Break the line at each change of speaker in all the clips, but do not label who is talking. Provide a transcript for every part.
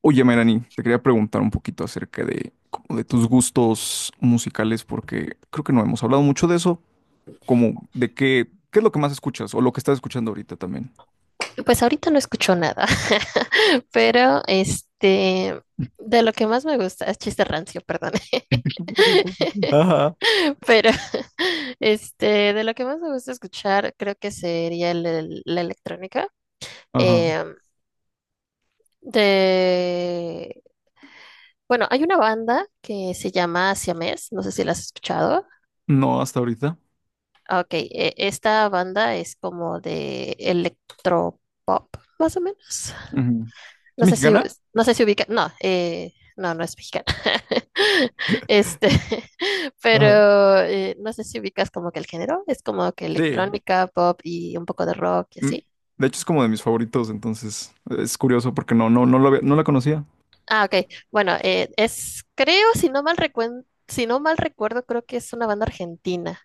Oye, Melanie, te quería preguntar un poquito acerca de, como de tus gustos musicales, porque creo que no hemos hablado mucho de eso, como de qué es lo que más escuchas o lo que estás escuchando ahorita también.
Pues ahorita no escucho nada, pero este, de lo que más me gusta, es chiste rancio, perdón.
Ah.
Pero este, de lo que más me gusta escuchar, creo que sería la electrónica.
Ajá.
Eh, de, bueno, hay una banda que se llama Siamés, no sé si la has escuchado.
No, hasta ahorita.
Ah, ok, esta banda es como de electropop, más o menos.
Ujú. ¿Es
No sé si,
mexicana?
no sé si ubica, no, no, no es mexicana. Este,
Ajá.
pero no sé si ubicas como que el género, es como que
Sí.
electrónica, pop y un poco de rock y
Mm,
así.
De hecho, es como de mis favoritos, entonces es curioso porque no la conocía.
Ah, ok. Bueno, es, creo, si no mal recuerdo, creo que es una banda argentina.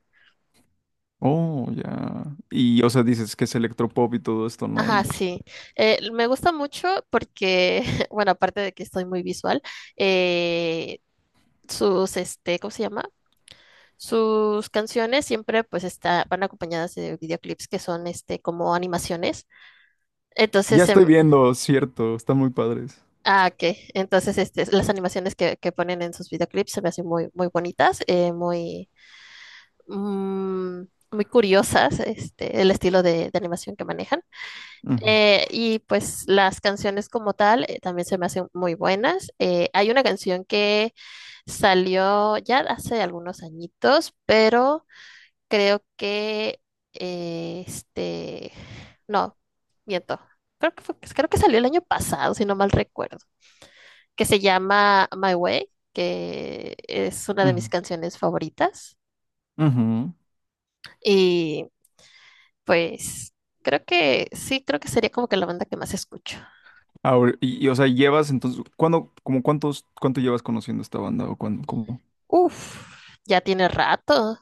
Oh, ya. Y, o sea, dices que es electropop y todo esto, ¿no?
Ajá,
Y
sí. Me gusta mucho porque, bueno, aparte de que estoy muy visual, eh, sus, este, ¿cómo se llama? Sus canciones siempre pues está, van acompañadas de videoclips que son este como animaciones.
ya
Entonces,
estoy viendo, cierto, están muy padres.
este, las animaciones que ponen en sus videoclips se me hacen muy, muy bonitas, muy, mm, muy curiosas, este, el estilo de animación que manejan.
Ujú,
Y pues las canciones como tal también se me hacen muy buenas. Hay una canción que salió ya hace algunos añitos, pero creo que este, no, miento. Creo que salió el año pasado, si no mal recuerdo, que se llama My Way, que es una de mis
ujú,
canciones favoritas.
ujú.
Y pues creo que sí, creo que sería como que la banda que más escucho.
Ahora, y, o sea, llevas entonces, ¿cuándo, como cuántos, cuánto llevas conociendo esta banda? ¿O cuándo, como?
Uf, ya tiene rato.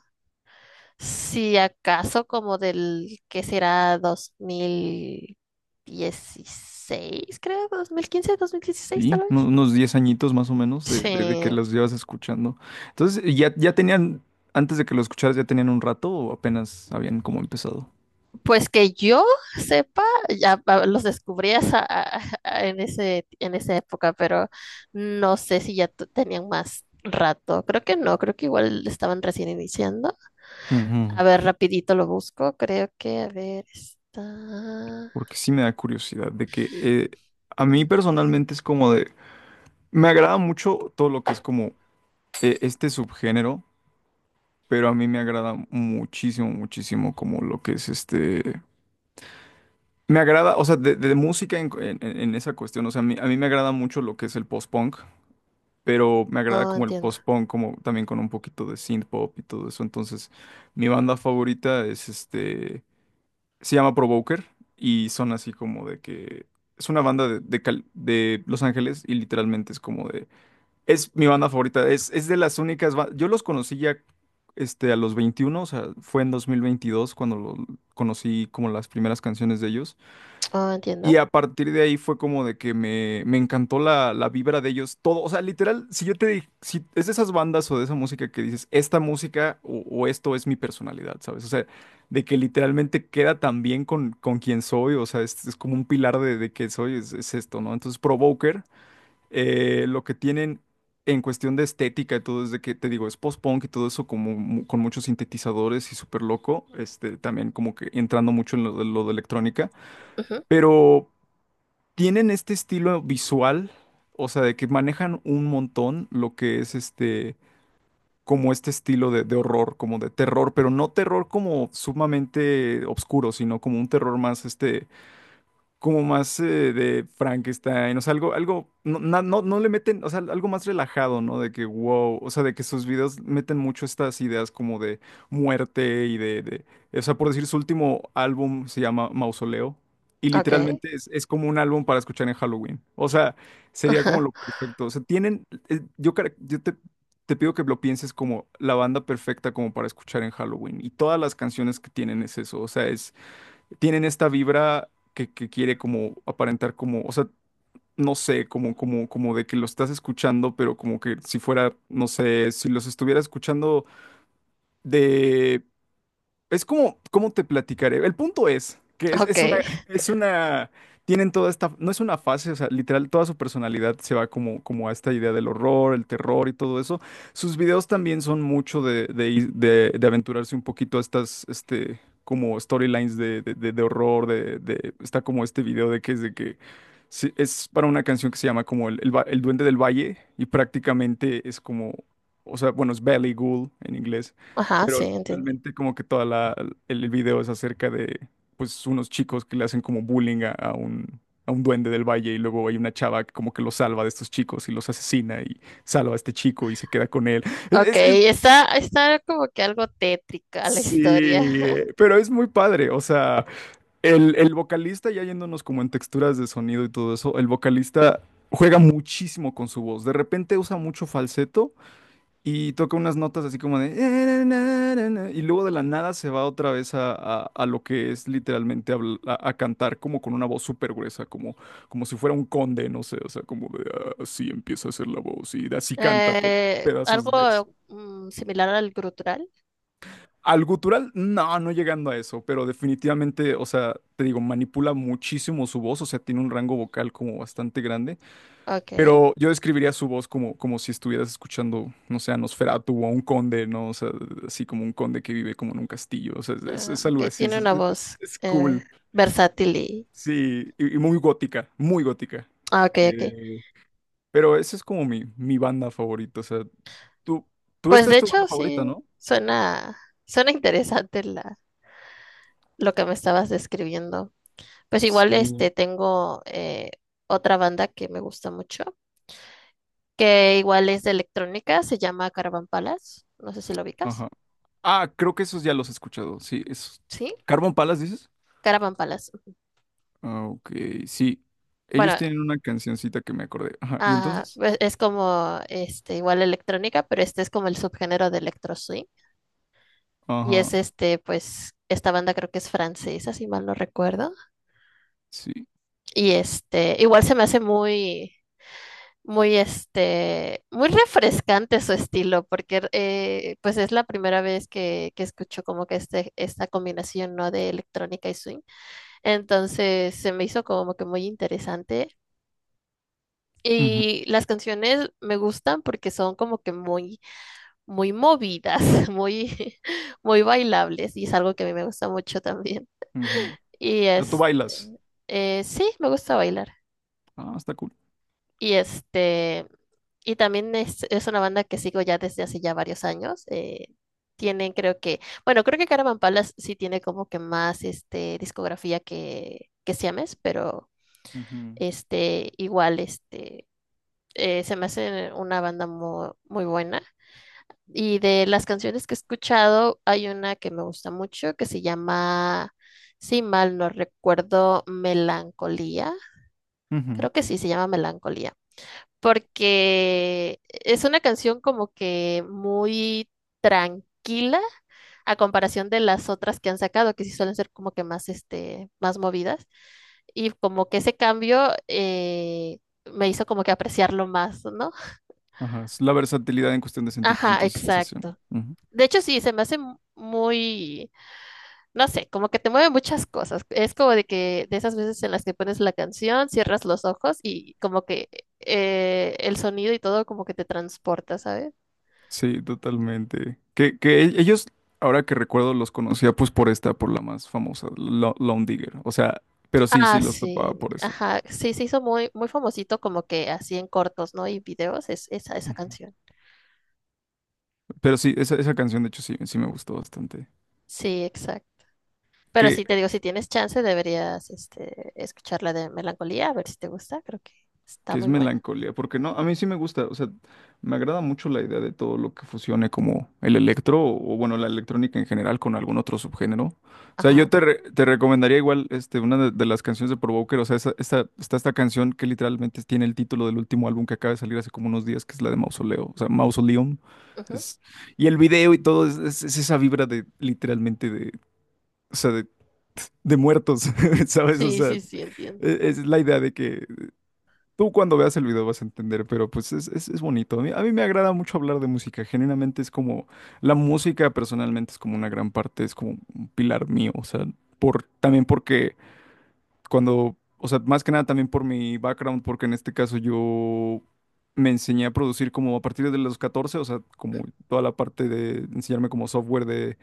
Si acaso como del que será 2016 creo, dos mil quince 2016 tal
Sí,
vez.
unos 10 añitos más o menos de, de que
Sí,
las llevas escuchando. Entonces, ¿ya tenían, antes de que lo escucharas, ya tenían un rato o apenas habían como empezado?
pues que yo sepa, ya los descubrí en ese, en esa época, pero no sé si ya tenían más rato. Creo que no, creo que igual estaban recién iniciando.
Ujú.
A ver, rapidito lo busco. Creo que, a ver, está.
Porque sí me da curiosidad de que a mí
mm,
personalmente es como de, me agrada mucho todo lo que es como este subgénero, pero a mí me agrada muchísimo, muchísimo como lo que es este. Me agrada, o sea, de música en, en esa cuestión, o sea, a mí me agrada mucho lo que es el post-punk, pero me agrada
Oh,
como el
entiendo.
post-punk, como también con un poquito de synth-pop y todo eso. Entonces, mi banda favorita es se llama Provoker y son así como de que es una banda de Los Ángeles y literalmente es como de, es mi banda favorita, es de las únicas, yo los conocí ya a los 21. O sea, fue en 2022 cuando conocí como las primeras canciones de ellos.
Oh,
Y
entiendo.
a partir de ahí fue como de que me encantó la vibra de ellos, todo, o sea, literal, si es de esas bandas o de esa música que dices, esta música o esto es mi personalidad, ¿sabes? O sea, de que literalmente queda tan bien con quien soy, o sea, es como un pilar de que soy, es esto, ¿no? Entonces, Provoker, lo que tienen en cuestión de estética y todo, es de que, te digo, es post-punk y todo eso como, con muchos sintetizadores y súper loco, también como que entrando mucho en lo de electrónica.
Ujú.
Pero tienen este estilo visual, o sea, de que manejan un montón lo que es como este estilo de horror, como de terror, pero no terror como sumamente oscuro, sino como un terror más como más de Frankenstein, o sea, algo, algo, no, no, no le meten, o sea, algo más relajado, ¿no? De que, wow, o sea, de que sus videos meten mucho estas ideas como de muerte y o sea, por decir, su último álbum se llama Mausoleo y
Ok.
literalmente es como un álbum para escuchar en Halloween, o sea, sería como
Ajá.
lo perfecto, o sea, tienen, yo, yo te pido que lo pienses como la banda perfecta como para escuchar en Halloween y todas las canciones que tienen es eso, o sea, tienen esta vibra que quiere como aparentar como, o sea, no sé, como de que lo estás escuchando, pero como que si fuera, no sé, si los estuviera escuchando de es como, ¿cómo te platicaré? El punto es que es una,
Ok.
es una, tienen toda esta, no es una fase, o sea, literal, toda su personalidad se va como a esta idea del horror, el terror y todo eso. Sus videos también son mucho de aventurarse un poquito a estas, como storylines de horror, está como este video de que es de que, sí, es para una canción que se llama como el Duende del Valle y prácticamente es como, o sea, bueno, es Valley Ghoul en inglés,
Ajá, sí,
pero
entiendo.
realmente como que toda la, el video es acerca de pues unos chicos que le hacen como bullying a un duende del valle y luego hay una chava que como que los salva de estos chicos y los asesina y salva a este chico y se queda con él. Es,
Ok,
es- es-
está como que algo tétrica la historia.
sí, pero es muy padre, o sea, el vocalista ya yéndonos como en texturas de sonido y todo eso, el vocalista juega muchísimo con su voz, de repente usa mucho falseto. Y toca unas notas así como de... na, na, na". Y luego de la nada se va otra vez a lo que es literalmente a cantar como con una voz súper gruesa, como, como si fuera un conde, no sé, o sea, como de "Ah, así empieza a hacer la voz y así canta todo,
Eh,
pedazos de verso".
algo similar al grutural.
Al gutural, no, no llegando a eso, pero definitivamente, o sea, te digo, manipula muchísimo su voz, o sea, tiene un rango vocal como bastante grande.
Ok.
Pero yo describiría su voz como, si estuvieras escuchando, no sé, a Nosferatu o a un conde, ¿no? O sea, así como un conde que vive como en un castillo. O sea, es, es-
Ah,
es algo
ok,
así. Es,
tiene
es-
una voz
es cool.
versátil y.
Sí, y muy gótica, muy gótica.
Ah, ok, ok.
Eh, pero esa es como mi banda favorita. O sea, tú, tú
Pues
esta
de
es tu banda
hecho,
favorita,
sí,
¿no?
suena interesante la, lo que me estabas describiendo. Pues igual
Sí.
este tengo otra banda que me gusta mucho, que igual es de electrónica, se llama Caravan Palace. No sé si lo ubicas.
Ajá. Ah, creo que esos ya los he escuchado. Sí, esos.
¿Sí?
¿Carbon Palace dices?
Caravan Palace.
Ah, ok, sí. Ellos
Bueno,
tienen una cancioncita que me acordé. Ajá. Y
ah,
entonces,
pues, es como este igual electrónica, pero este es como el subgénero de electro swing y
ajá,
es este pues esta banda creo que es francesa, si mal no recuerdo.
sí.
Y este igual se me hace muy muy este muy refrescante su estilo porque pues es la primera vez que escucho como que este esta combinación no de electrónica y swing. Entonces se me hizo como que muy interesante.
Ujú,
Y las canciones me gustan porque son como que muy muy movidas, muy, muy bailables, y es algo que a mí me gusta mucho también.
ujú.
Y
O sea, tú
este,
bailas.
sí, me gusta bailar.
Ah, está cool.
Y este, y también es una banda que sigo ya desde hace ya varios años. Tienen, creo que, bueno, creo que Caravan Palace sí tiene como que más este, discografía que Siames, pero este, igual, este, se me hace una banda muy, muy buena. Y de las canciones que he escuchado, hay una que me gusta mucho que se llama, si mal no recuerdo, Melancolía.
Ujú, ujú.
Creo que sí, se llama Melancolía. Porque es una canción como que muy tranquila a comparación de las otras que han sacado, que sí suelen ser como que más, este, más movidas. Y como que ese cambio me hizo como que apreciarlo más, ¿no?
Ajá, es la versatilidad en cuestión de
Ajá,
sentimientos y sensaciones.
exacto.
Ujú.
De hecho, sí, se me hace muy no sé, como que te mueve muchas cosas. Es como de que de esas veces en las que pones la canción, cierras los ojos y como que el sonido y todo como que te transporta, ¿sabes?
Sí, totalmente. Ellos, ahora que recuerdo, los conocía pues por esta, por la más famosa, Lone Digger. O sea, pero sí, sí
Ah,
los tapaba
sí,
por eso.
ajá, sí, se hizo muy, muy famosito como que así en cortos, ¿no? Y videos, es, esa
Ujú.
canción.
Pero sí, esa canción de hecho sí, sí me gustó bastante.
Sí, exacto. Pero
que
sí, te digo, si tienes chance, deberías este, escuchar la de Melancolía, a ver si te gusta, creo que está
que es
muy buena.
melancolía, porque no, a mí sí me gusta, o sea, me agrada mucho la idea de todo lo que fusione como el electro o, bueno, la electrónica en general con algún otro subgénero. O sea,
Ajá.
yo te recomendaría igual una de las canciones de Provoker, o sea, esa, esta, está esta canción que literalmente tiene el título del último álbum que acaba de salir hace como unos días, que es la de Mausoleo, o sea, Mausoleum.
Ujú.
Es, y el video y todo es esa vibra de literalmente de, o sea, de muertos, ¿sabes? O
Sí,
sea,
sí, sí, entiendo.
es la idea de que tú cuando veas el video vas a entender, pero pues es bonito. A mí me agrada mucho hablar de música. Genuinamente es como, la música personalmente es como una gran parte, es como un pilar mío. O sea, también porque cuando, o sea, más que nada también por mi background, porque en este caso yo me enseñé a producir como a partir de los 14, o sea, como toda la parte de enseñarme como software de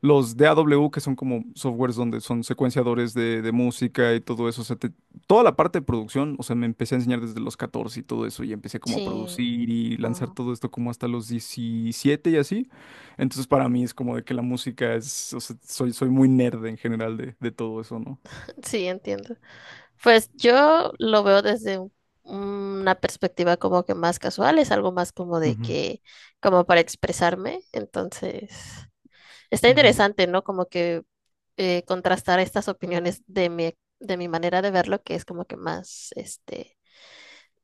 los DAW, que son como softwares donde son secuenciadores de música y todo eso, o sea, toda la parte de producción, o sea, me empecé a enseñar desde los 14 y todo eso, y empecé como a
Sí,
producir y lanzar
ah,
todo esto como hasta los 17 y así. Entonces, para mí es como de que la música es, o sea, soy muy nerd en general de todo eso, ¿no?
sí, entiendo. Pues yo lo veo desde una perspectiva como que más casual, es algo más como de
Ujú,
que, como para expresarme. Entonces, está
ujú.
interesante, ¿no? Como que contrastar estas opiniones de mi manera de verlo, que es como que más, este,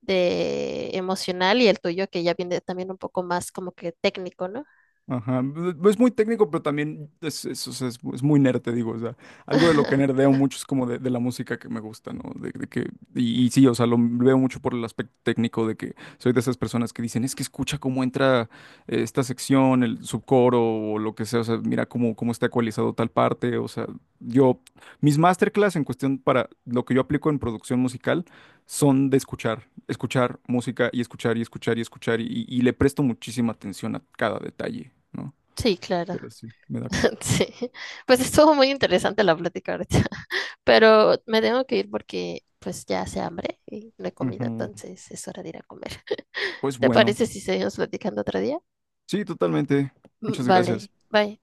de emocional y el tuyo, que ya viene también un poco más como que técnico, ¿no?
Ajá, es muy técnico, pero también es, o sea, es muy nerd, te digo, o sea, algo de lo que nerdeo mucho es como de la música que me gusta, ¿no? De que, y sí, o sea, lo veo mucho por el aspecto técnico de que soy de esas personas que dicen, es que escucha cómo entra esta sección, el subcoro o lo que sea, o sea, mira cómo está ecualizado tal parte, o sea, yo, mis masterclass en cuestión para lo que yo aplico en producción musical son de escuchar música y escuchar y escuchar y escuchar y le presto muchísima atención a cada detalle, ¿no?
Sí, claro.
Pero sí, me da...
Sí. Pues estuvo muy interesante la plática ahorita. Pero me tengo que ir porque pues ya hace hambre y no he comido,
Ujú.
entonces es hora de ir a comer.
Pues
¿Te
bueno,
parece si seguimos platicando otro día?
sí, totalmente.
Mm,
Muchas
vale,
gracias.
bye.